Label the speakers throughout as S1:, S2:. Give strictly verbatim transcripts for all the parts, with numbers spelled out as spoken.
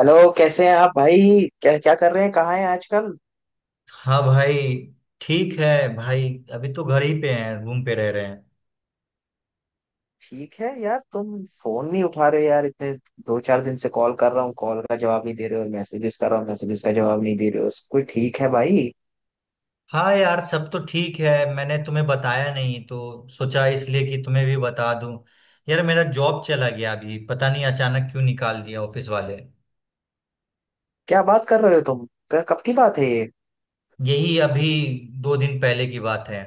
S1: Hello, कैसे हैं आप भाई? क्या क्या कर रहे हैं, कहाँ हैं आजकल?
S2: हाँ भाई। ठीक है भाई। अभी तो घर ही पे हैं, रूम पे रह रहे हैं।
S1: ठीक है यार, तुम फोन नहीं उठा रहे हो यार, इतने दो चार दिन से कॉल कर रहा हूँ, कॉल का जवाब नहीं दे रहे हो, मैसेजेस कर रहा हूँ, मैसेजेस का जवाब नहीं दे रहे हो। कोई ठीक है भाई?
S2: हाँ यार, सब तो ठीक है। मैंने तुम्हें बताया नहीं, तो सोचा इसलिए कि तुम्हें भी बता दूं। यार मेरा जॉब चला गया, अभी पता नहीं अचानक क्यों निकाल दिया ऑफिस वाले।
S1: क्या बात कर रहे हो तुम! क- कब की बात है ये?
S2: यही अभी दो दिन पहले की बात है।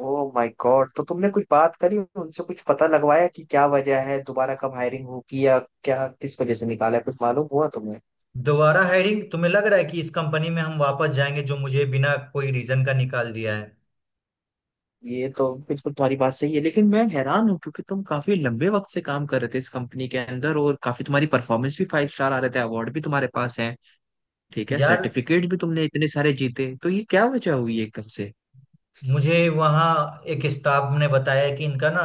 S1: Oh my god! तो तुमने कुछ बात करी उनसे, कुछ पता लगवाया कि क्या वजह है, दोबारा कब हायरिंग होगी, या क्या किस वजह से निकाला है? कुछ मालूम हुआ तुम्हें?
S2: दोबारा हायरिंग? तुम्हें लग रहा है कि इस कंपनी में हम वापस जाएंगे, जो मुझे बिना कोई रीजन का निकाल दिया है?
S1: ये तो बिल्कुल तुम्हारी बात सही है, लेकिन मैं हैरान हूँ क्योंकि तुम काफी लंबे वक्त से काम कर रहे थे इस कंपनी के अंदर, और काफी तुम्हारी परफॉर्मेंस भी फाइव स्टार आ रहे थे, अवार्ड भी तुम्हारे पास है। ठीक है,
S2: यार
S1: सर्टिफिकेट भी तुमने इतने सारे जीते, तो ये क्या वजह हुई एकदम से?
S2: मुझे वहाँ एक स्टाफ ने बताया कि इनका ना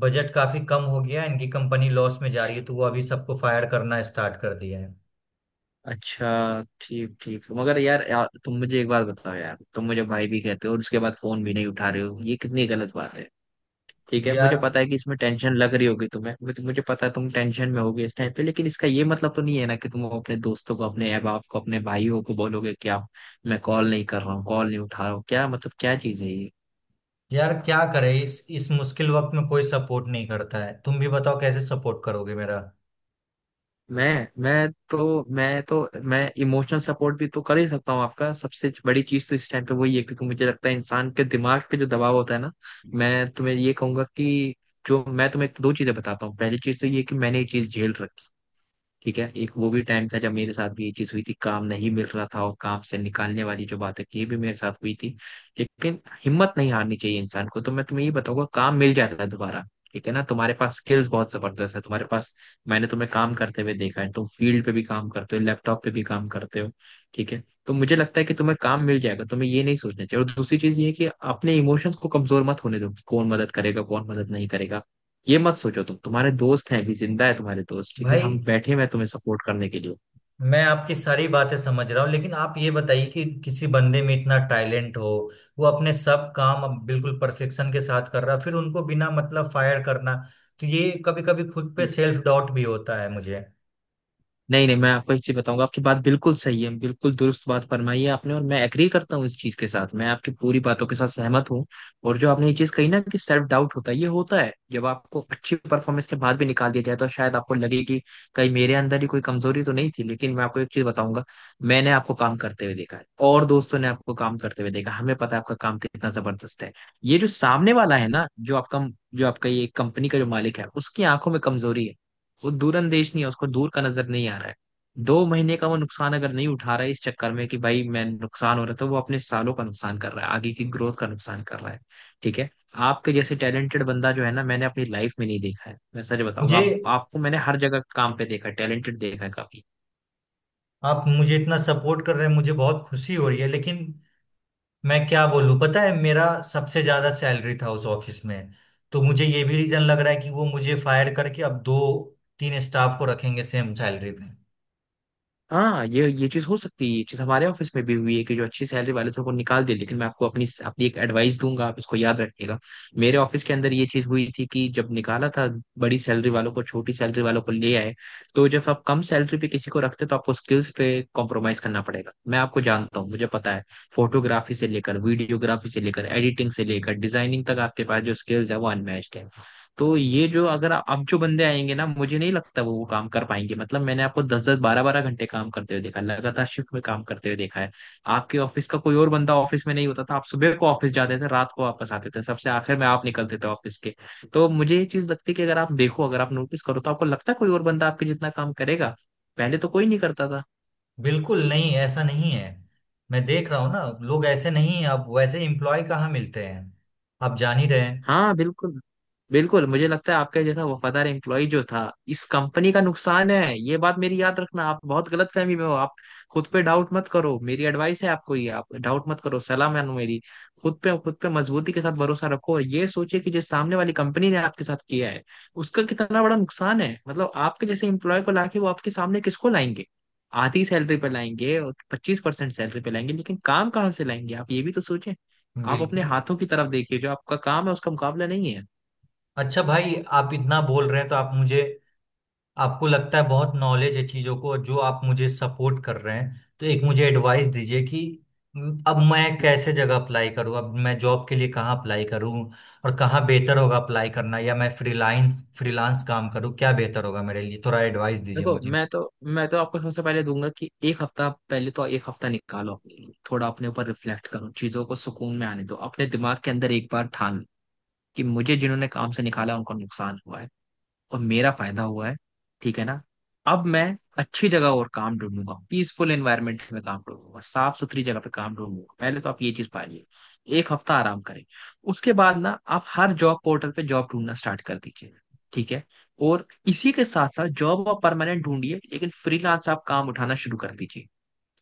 S2: बजट काफी कम हो गया है, इनकी कंपनी लॉस में जा रही है, तो वो अभी सबको फायर करना स्टार्ट कर दिया है।
S1: अच्छा ठीक ठीक, मगर यार, यार तुम मुझे एक बात बताओ यार। तुम मुझे भाई भी कहते हो और उसके बाद फोन भी नहीं उठा रहे हो, ये कितनी गलत बात है। ठीक है, मुझे
S2: यार
S1: पता है कि इसमें टेंशन लग रही होगी तुम्हें, मुझे मुझे पता है तुम टेंशन में होगी इस टाइम पे, लेकिन इसका ये मतलब तो नहीं है ना कि तुम अपने दोस्तों को, अपने अहबाब बाप को, अपने भाइयों को बोलोगे क्या? मैं कॉल नहीं कर रहा हूँ, कॉल नहीं उठा रहा हूँ, क्या मतलब क्या चीज है ये?
S2: यार क्या करे, इस इस मुश्किल वक्त में कोई सपोर्ट नहीं करता है। तुम भी बताओ कैसे सपोर्ट करोगे मेरा।
S1: मैं मैं तो मैं तो मैं इमोशनल सपोर्ट भी तो कर ही सकता हूँ आपका। सबसे बड़ी चीज तो इस टाइम पे वही है, क्योंकि मुझे लगता है इंसान के दिमाग पे जो दबाव होता है ना। मैं तुम्हें ये कहूंगा कि जो मैं तुम्हें दो चीजें बताता हूँ, पहली चीज तो ये कि मैंने ये चीज झेल रखी है। ठीक है, एक वो भी टाइम था जब मेरे साथ भी ये चीज हुई थी, काम नहीं मिल रहा था, और काम से निकालने वाली जो बात है ये भी मेरे साथ हुई थी। लेकिन हिम्मत नहीं हारनी चाहिए इंसान को, तो मैं तुम्हें ये बताऊंगा, काम मिल जाता है दोबारा। ठीक है ना? तुम्हारे पास स्किल्स बहुत जबरदस्त है तुम्हारे पास। मैंने तुम्हें काम करते हुए देखा है, तुम फील्ड पे भी काम करते हो, लैपटॉप पे भी काम करते हो। ठीक है, तो मुझे लगता है कि तुम्हें काम मिल जाएगा, तुम्हें ये नहीं सोचना चाहिए। और दूसरी चीज ये है कि अपने इमोशंस को कमजोर मत होने दो। कौन मदद करेगा, कौन मदद नहीं करेगा, ये मत सोचो। तुम, तुम्हारे दोस्त हैं अभी जिंदा है तुम्हारे दोस्त, ठीक है?
S2: भाई
S1: हम बैठे हैं मैं तुम्हें सपोर्ट करने के लिए।
S2: मैं आपकी सारी बातें समझ रहा हूँ, लेकिन आप ये बताइए कि किसी बंदे में इतना टैलेंट हो, वो अपने सब काम अब बिल्कुल परफेक्शन के साथ कर रहा है, फिर उनको बिना मतलब फायर करना, तो ये कभी कभी खुद पे सेल्फ डाउट भी होता है मुझे।
S1: नहीं नहीं, मैं आपको एक चीज बताऊंगा, आपकी बात बिल्कुल सही है, बिल्कुल दुरुस्त बात फरमाई है आपने, और मैं एग्री करता हूँ इस चीज के साथ, मैं आपकी पूरी बातों के साथ सहमत हूँ। और जो आपने ये चीज कही ना कि सेल्फ डाउट होता है, ये होता है जब आपको अच्छी परफॉर्मेंस के बाद भी निकाल दिया जाए तो शायद आपको लगे कि कहीं मेरे अंदर ही कोई कमजोरी तो नहीं थी, लेकिन मैं आपको एक चीज बताऊंगा। मैंने आपको काम करते हुए देखा है, और दोस्तों ने आपको काम करते हुए देखा, हमें पता है आपका काम कितना जबरदस्त है। ये जो सामने वाला है ना, जो आपका जो आपका ये कंपनी का जो मालिक है, उसकी आंखों में कमजोरी है। वो दूरंदेश नहीं है, उसको दूर का नजर नहीं आ रहा है। दो महीने का वो नुकसान अगर नहीं उठा रहा है इस चक्कर में कि भाई मैं नुकसान हो रहा है, तो वो अपने सालों का नुकसान कर रहा है, आगे की ग्रोथ का नुकसान कर रहा है। ठीक है, आपके जैसे टैलेंटेड बंदा जो है ना, मैंने अपनी लाइफ में नहीं देखा है, मैं सच बताऊंगा।
S2: मुझे
S1: आप, आपको मैंने हर जगह काम पे देखा है, टैलेंटेड देखा है काफी।
S2: आप मुझे इतना सपोर्ट कर रहे हैं, मुझे बहुत खुशी हो रही है। लेकिन मैं क्या बोलूं, पता है मेरा सबसे ज्यादा सैलरी था उस ऑफिस में। तो मुझे ये भी रीजन लग रहा है कि वो मुझे फायर करके अब दो तीन स्टाफ को रखेंगे सेम सैलरी पे।
S1: हाँ, ये ये चीज हो सकती है, ये चीज हमारे ऑफिस में भी हुई है कि जो अच्छी सैलरी वाले थे उनको निकाल दिया, लेकिन मैं आपको अपनी अपनी एक एडवाइस दूंगा, आप इसको याद रखिएगा। मेरे ऑफिस के अंदर ये चीज हुई थी कि जब निकाला था बड़ी सैलरी वालों को, छोटी सैलरी वालों को ले आए। तो जब आप कम सैलरी पे किसी को रखते तो आपको स्किल्स पे कॉम्प्रोमाइज करना पड़ेगा। मैं आपको जानता हूँ, मुझे पता है। फोटोग्राफी से लेकर वीडियोग्राफी से लेकर एडिटिंग से लेकर डिजाइनिंग तक आपके पास जो स्किल्स है वो अनमैच्ड है। तो ये जो, अगर आ- अब जो बंदे आएंगे ना, मुझे नहीं लगता वो वो काम कर पाएंगे। मतलब मैंने आपको दस दस बारह बारह घंटे काम करते हुए देखा है, लगातार शिफ्ट में काम करते हुए देखा है। आपके ऑफिस का कोई और बंदा ऑफिस में नहीं होता था, आप सुबह को ऑफिस जाते थे, रात को वापस आते थे, सबसे आखिर में आप निकलते थे ऑफिस के। तो मुझे ये चीज लगती है कि अगर आप देखो, अगर आप नोटिस करो, तो आपको लगता है कोई और बंदा आपके जितना काम करेगा? पहले तो कोई नहीं करता था।
S2: बिल्कुल नहीं, ऐसा नहीं है। मैं देख रहा हूँ ना, लोग ऐसे नहीं हैं। अब वैसे एम्प्लॉय कहाँ मिलते हैं, आप जान ही रहे हैं।
S1: हाँ बिल्कुल, बिल्कुल। मुझे लगता है आपका जैसा वफादार एम्प्लॉय जो था, इस कंपनी का नुकसान है। ये बात मेरी याद रखना, आप बहुत गलत फहमी में हो आप। खुद पे डाउट मत करो, मेरी एडवाइस है आपको ये, आप डाउट मत करो, सलाह मानो मेरी। खुद पे खुद पे मजबूती के साथ भरोसा रखो, और ये सोचे कि जो सामने वाली कंपनी ने आपके साथ किया है, उसका कितना बड़ा नुकसान है। मतलब आपके जैसे एम्प्लॉय को लाके, वो आपके सामने किसको लाएंगे? आधी सैलरी पे लाएंगे और पच्चीस परसेंट सैलरी पे लाएंगे, लेकिन काम कहाँ से लाएंगे? आप ये भी तो सोचें। आप अपने
S2: बिल्कुल।
S1: हाथों की तरफ देखिए, जो आपका काम है उसका मुकाबला नहीं है।
S2: अच्छा भाई, आप इतना बोल रहे हैं तो आप मुझे, आपको लगता है बहुत नॉलेज है चीजों को, जो आप मुझे सपोर्ट कर रहे हैं, तो एक मुझे एडवाइस दीजिए कि म, अब मैं कैसे
S1: हम्म।
S2: जगह अप्लाई करूं, अब मैं जॉब के लिए कहाँ अप्लाई करूं, और कहाँ बेहतर होगा अप्लाई करना, या मैं फ्रीलांस फ्रीलांस काम करूं, क्या बेहतर होगा मेरे लिए, थोड़ा एडवाइस दीजिए
S1: देखो,
S2: मुझे।
S1: मैं तो मैं तो आपको सबसे पहले दूंगा कि एक हफ्ता, पहले तो एक हफ्ता निकालो अपने लिए, थोड़ा अपने ऊपर रिफ्लेक्ट करो, चीजों को सुकून में आने दो, अपने दिमाग के अंदर एक बार ठान लो कि मुझे जिन्होंने काम से निकाला उनको नुकसान हुआ है, और मेरा फायदा हुआ है। ठीक है ना? अब मैं अच्छी जगह और काम ढूंढूंगा, पीसफुल एनवायरनमेंट में काम ढूंढूंगा, साफ सुथरी जगह पे काम ढूंढूंगा। पहले तो आप ये चीज पालिए, एक हफ्ता आराम करें। उसके बाद ना आप हर जॉब पोर्टल पे जॉब ढूंढना स्टार्ट कर दीजिए, ठीक है? और इसी के साथ साथ जॉब आप परमानेंट ढूंढिए, लेकिन फ्रीलांस आप काम उठाना शुरू कर दीजिए।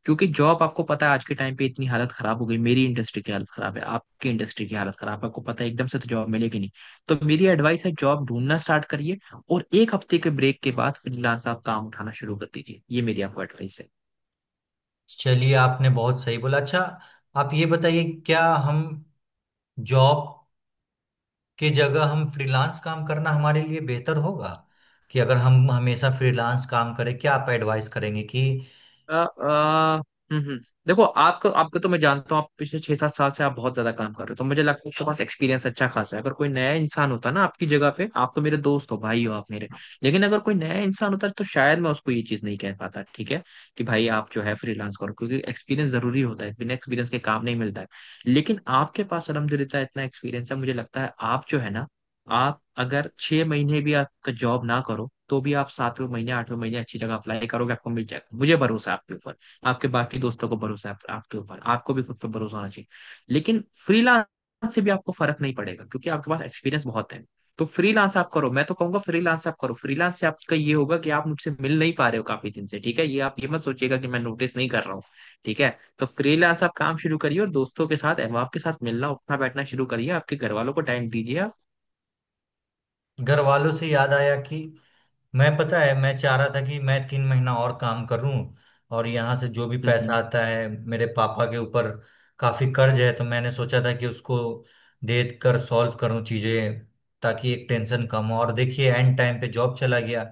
S1: क्योंकि जॉब आपको पता है, आज के टाइम पे इतनी हालत खराब हो गई, मेरी इंडस्ट्री की हालत खराब है, आपकी इंडस्ट्री की हालत खराब है, आपको पता है, एकदम से तो जॉब मिलेगी नहीं। तो मेरी एडवाइस है, जॉब ढूंढना स्टार्ट करिए, और एक हफ्ते के ब्रेक के बाद फ्रीलांस आप काम उठाना शुरू कर दीजिए, ये मेरी आपको एडवाइस
S2: चलिए आपने बहुत सही बोला। अच्छा आप ये बताइए, क्या हम जॉब के जगह हम फ्रीलांस काम करना हमारे लिए बेहतर होगा, कि अगर हम हमेशा
S1: है।
S2: फ्रीलांस काम करें, क्या आप एडवाइस करेंगे कि।
S1: अ, अ, हम्म हम्म। देखो, आपको आपको तो मैं जानता हूँ, आप पिछले छह सात साल से आप बहुत ज्यादा काम कर रहे हो, तो मुझे लगता है आपके पास एक्सपीरियंस अच्छा खासा है। अगर कोई नया इंसान होता ना आपकी जगह पे, आप तो मेरे दोस्त हो, भाई हो आप मेरे। लेकिन अगर कोई नया इंसान होता तो शायद मैं उसको ये चीज नहीं कह पाता, ठीक है? कि भाई आप जो है फ्रीलांस करो, क्योंकि एक्सपीरियंस जरूरी होता है, बिना एक्सपीरियंस के काम नहीं मिलता है। लेकिन आपके पास अलहमदुलिल्लाह इतना एक्सपीरियंस है, मुझे लगता है आप जो है ना, आप अगर छह महीने भी आपका जॉब ना करो तो भी आप सातवें महीने आठवें महीने अच्छी जगह अप्लाई करोगे, आपको मिल जाएगा, मुझे भरोसा है आपके ऊपर। आपके बाकी दोस्तों को भरोसा है आप- आपके ऊपर, आपको भी खुद पे भरोसा होना चाहिए। लेकिन फ्रीलांस से भी आपको फर्क नहीं पड़ेगा क्योंकि आपके पास एक्सपीरियंस बहुत है। तो फ्रीलांस आप करो, मैं तो कहूंगा फ्रीलांस आप करो। फ्रीलांस से आपका ये होगा कि आप मुझसे मिल नहीं पा रहे हो काफी दिन से, ठीक है? ये आप ये मत सोचिएगा कि मैं नोटिस नहीं कर रहा हूँ, ठीक है? तो फ्रीलांस आप काम शुरू करिए, और दोस्तों के साथ अहबाब के साथ मिलना उठना बैठना शुरू करिए, आपके घर वालों को टाइम दीजिए आप।
S2: घर वालों से याद आया कि, मैं पता है मैं चाह रहा था कि मैं तीन महीना और काम करूं, और यहाँ से जो भी
S1: हम्म
S2: पैसा
S1: हम्म।
S2: आता है, मेरे पापा के ऊपर काफी कर्ज है, तो मैंने सोचा था कि उसको दे कर सॉल्व करूं चीजें, ताकि एक टेंशन कम हो। और देखिए एंड टाइम पे जॉब चला गया।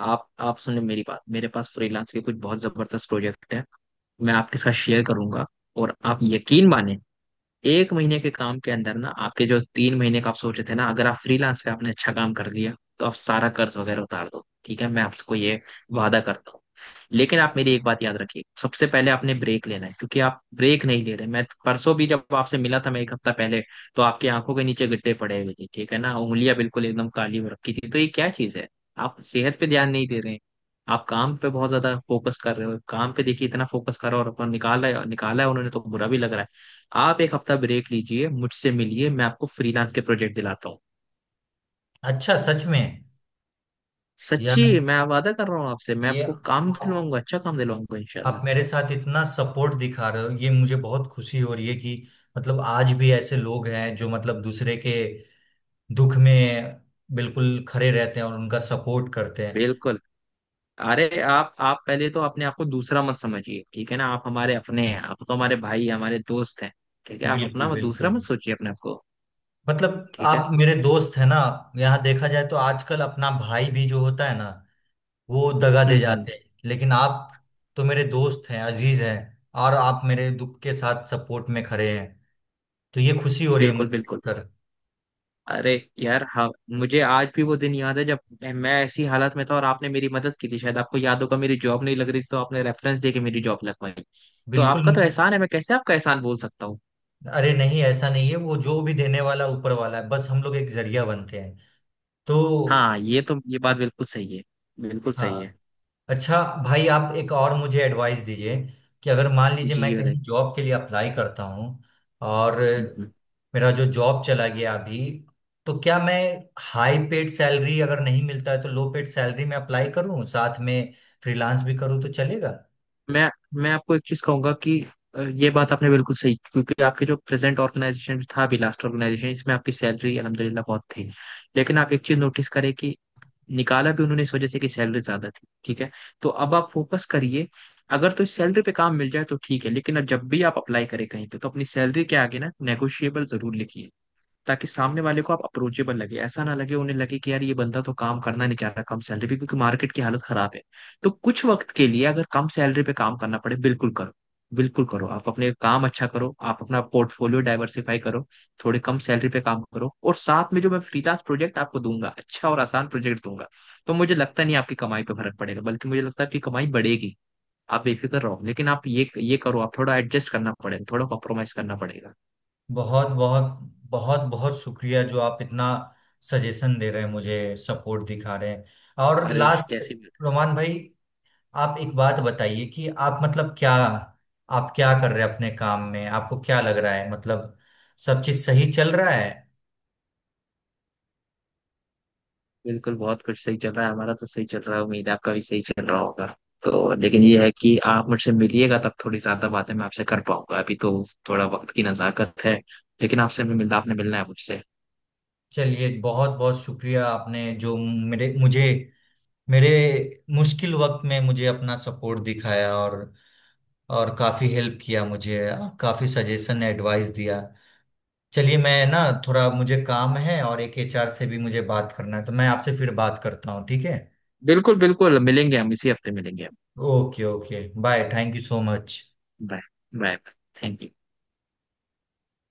S1: आप आप सुने मेरी बात, मेरे पास फ्रीलांस के कुछ बहुत जबरदस्त प्रोजेक्ट है, मैं आपके साथ शेयर करूंगा। और आप यकीन माने, एक महीने के काम के अंदर ना आपके जो तीन महीने का आप सोचे थे ना, अगर आप फ्रीलांस पे आपने अच्छा काम कर लिया तो आप सारा कर्ज वगैरह उतार दो। ठीक है, मैं आपको ये वादा करता हूँ। लेकिन आप मेरी एक बात याद रखिए, सबसे पहले आपने ब्रेक लेना है, क्योंकि आप ब्रेक नहीं ले रहे। मैं परसों भी जब आपसे मिला था, मैं एक हफ्ता पहले, तो आपकी आंखों के नीचे गड्ढे पड़े हुए थे, ठीक है ना, उंगलियां बिल्कुल एकदम काली हो रखी थी, तो ये क्या चीज है? आप सेहत पे ध्यान नहीं दे रहे हैं, आप काम पे बहुत ज्यादा फोकस कर रहे हो, काम पे देखिए इतना फोकस कर रहे हो, और अपन निकाला है, निकाला है उन्होंने, तो बुरा भी लग रहा है। आप एक हफ्ता ब्रेक लीजिए, मुझसे मिलिए, मैं आपको फ्रीलांस के प्रोजेक्ट दिलाता हूँ।
S2: अच्छा, सच में? यार
S1: सच्ची, मैं वादा कर रहा हूँ आपसे, मैं
S2: ये
S1: आपको काम
S2: आप,
S1: दिलवाऊंगा, अच्छा काम दिलवाऊंगा
S2: आप
S1: इंशाल्लाह।
S2: मेरे साथ इतना सपोर्ट दिखा रहे हो, ये मुझे बहुत खुशी हो रही है कि मतलब आज भी ऐसे लोग हैं जो मतलब दूसरे के दुख में बिल्कुल खड़े रहते हैं और उनका सपोर्ट करते हैं।
S1: बिल्कुल। अरे आप आप पहले तो अपने आप को दूसरा मत समझिए, ठीक है ना? आप हमारे अपने हैं, आप तो हमारे भाई हमारे दोस्त हैं। ठीक है, आप
S2: बिल्कुल,
S1: अपना मत दूसरा
S2: बिल्कुल।
S1: मत सोचिए अपने आप को,
S2: मतलब
S1: ठीक है।
S2: आप मेरे दोस्त है ना। यहाँ देखा जाए तो आजकल अपना भाई भी जो होता है ना, वो दगा दे
S1: हम्म हम्म।
S2: जाते हैं, लेकिन आप तो मेरे दोस्त हैं, अजीज हैं, और आप मेरे दुख के साथ सपोर्ट में खड़े हैं, तो ये खुशी हो रही है
S1: बिल्कुल
S2: मुझे
S1: बिल्कुल।
S2: देखकर।
S1: अरे यार, हाँ, मुझे आज भी वो दिन याद है जब मैं ऐसी हालत में था और आपने मेरी मदद की थी, शायद आपको याद होगा। मेरी जॉब नहीं लग रही थी तो आपने रेफरेंस दे के मेरी जॉब लगवाई। तो
S2: बिल्कुल।
S1: आपका तो
S2: मुझे,
S1: एहसान है, मैं कैसे आपका एहसान बोल सकता हूँ?
S2: अरे नहीं ऐसा नहीं है, वो जो भी देने वाला ऊपर वाला है, बस हम लोग एक जरिया बनते हैं तो।
S1: हाँ, ये तो ये बात बिल्कुल सही है, बिल्कुल सही
S2: हाँ।
S1: है।
S2: अच्छा भाई, आप एक और मुझे एडवाइस दीजिए कि अगर मान लीजिए
S1: जी जी
S2: मैं
S1: बताइए।
S2: कहीं जॉब के लिए अप्लाई करता हूँ, और
S1: हम्म, हम्म।
S2: मेरा जो जॉब चला गया अभी, तो क्या मैं हाई पेड सैलरी अगर नहीं मिलता है तो लो पेड सैलरी में अप्लाई करूँ, साथ में फ्रीलांस भी करूँ, तो चलेगा?
S1: मैं मैं आपको एक चीज कहूंगा कि अ, ये बात आपने बिल्कुल सही, क्योंकि आपके जो प्रेजेंट ऑर्गेनाइजेशन था अभी, लास्ट ऑर्गेनाइजेशन, इसमें आपकी सैलरी अलहमदिल्ला बहुत थी। लेकिन आप एक चीज नोटिस करें कि निकाला भी उन्होंने इस वजह से कि सैलरी ज्यादा थी, ठीक है। तो अब आप फोकस करिए, अगर तो इस सैलरी पे काम मिल जाए तो ठीक है, लेकिन अब जब भी आप अप्लाई करें कहीं पे, तो अपनी सैलरी के आगे ना नेगोशिएबल जरूर लिखिए, ताकि सामने वाले को आप अप्रोचेबल लगे, ऐसा ना लगे उन्हें, लगे कि यार ये बंदा तो काम करना नहीं चाह रहा कम सैलरी पे, क्योंकि मार्केट की हालत खराब है। तो कुछ वक्त के लिए अगर कम सैलरी पे काम करना पड़े, बिल्कुल करो, बिल्कुल करो। आप अपने काम अच्छा करो, आप अपना पोर्टफोलियो डाइवर्सिफाई करो, थोड़े कम सैलरी पे काम करो, और साथ में जो मैं फ्रीलांस प्रोजेक्ट आपको दूंगा, अच्छा और आसान प्रोजेक्ट दूंगा। तो मुझे लगता नहीं आपकी कमाई पे फर्क पड़ेगा, बल्कि मुझे लगता है आपकी कमाई बढ़ेगी। आप बेफिक्र रहो, लेकिन आप ये ये करो, आप थोड़ा एडजस्ट करना पड़ेगा, थोड़ा कॉम्प्रोमाइज करना पड़ेगा।
S2: बहुत बहुत बहुत बहुत शुक्रिया जो आप इतना सजेशन दे रहे हैं, मुझे सपोर्ट दिखा रहे हैं। और
S1: अरे
S2: लास्ट,
S1: कैसी बात है।
S2: रोमान भाई, आप एक बात बताइए कि आप मतलब क्या, आप क्या कर रहे हैं अपने काम में, आपको क्या लग रहा है, मतलब सब चीज सही चल रहा है?
S1: बिल्कुल, बहुत कुछ सही चल रहा है, हमारा तो सही चल रहा है, उम्मीद है आपका भी सही चल रहा होगा। तो लेकिन ये है कि आप मुझसे मिलिएगा, तब थोड़ी ज्यादा बातें मैं आपसे कर पाऊंगा, अभी तो थोड़ा वक्त की नजाकत है, लेकिन आपसे भी मिलना, आपने मिलना है मुझसे।
S2: चलिए बहुत बहुत शुक्रिया, आपने जो मेरे मुझे मेरे मुश्किल वक्त में मुझे अपना सपोर्ट दिखाया, और और काफी हेल्प किया मुझे, और काफी सजेशन एडवाइस दिया। चलिए मैं ना थोड़ा मुझे काम है, और एक एच आर से भी मुझे बात करना है, तो मैं आपसे फिर बात करता हूँ, ठीक है?
S1: बिल्कुल बिल्कुल मिलेंगे हम, इसी हफ्ते मिलेंगे हम।
S2: Okay okay, bye, thank you so much.
S1: Bye. Bye. Thank you.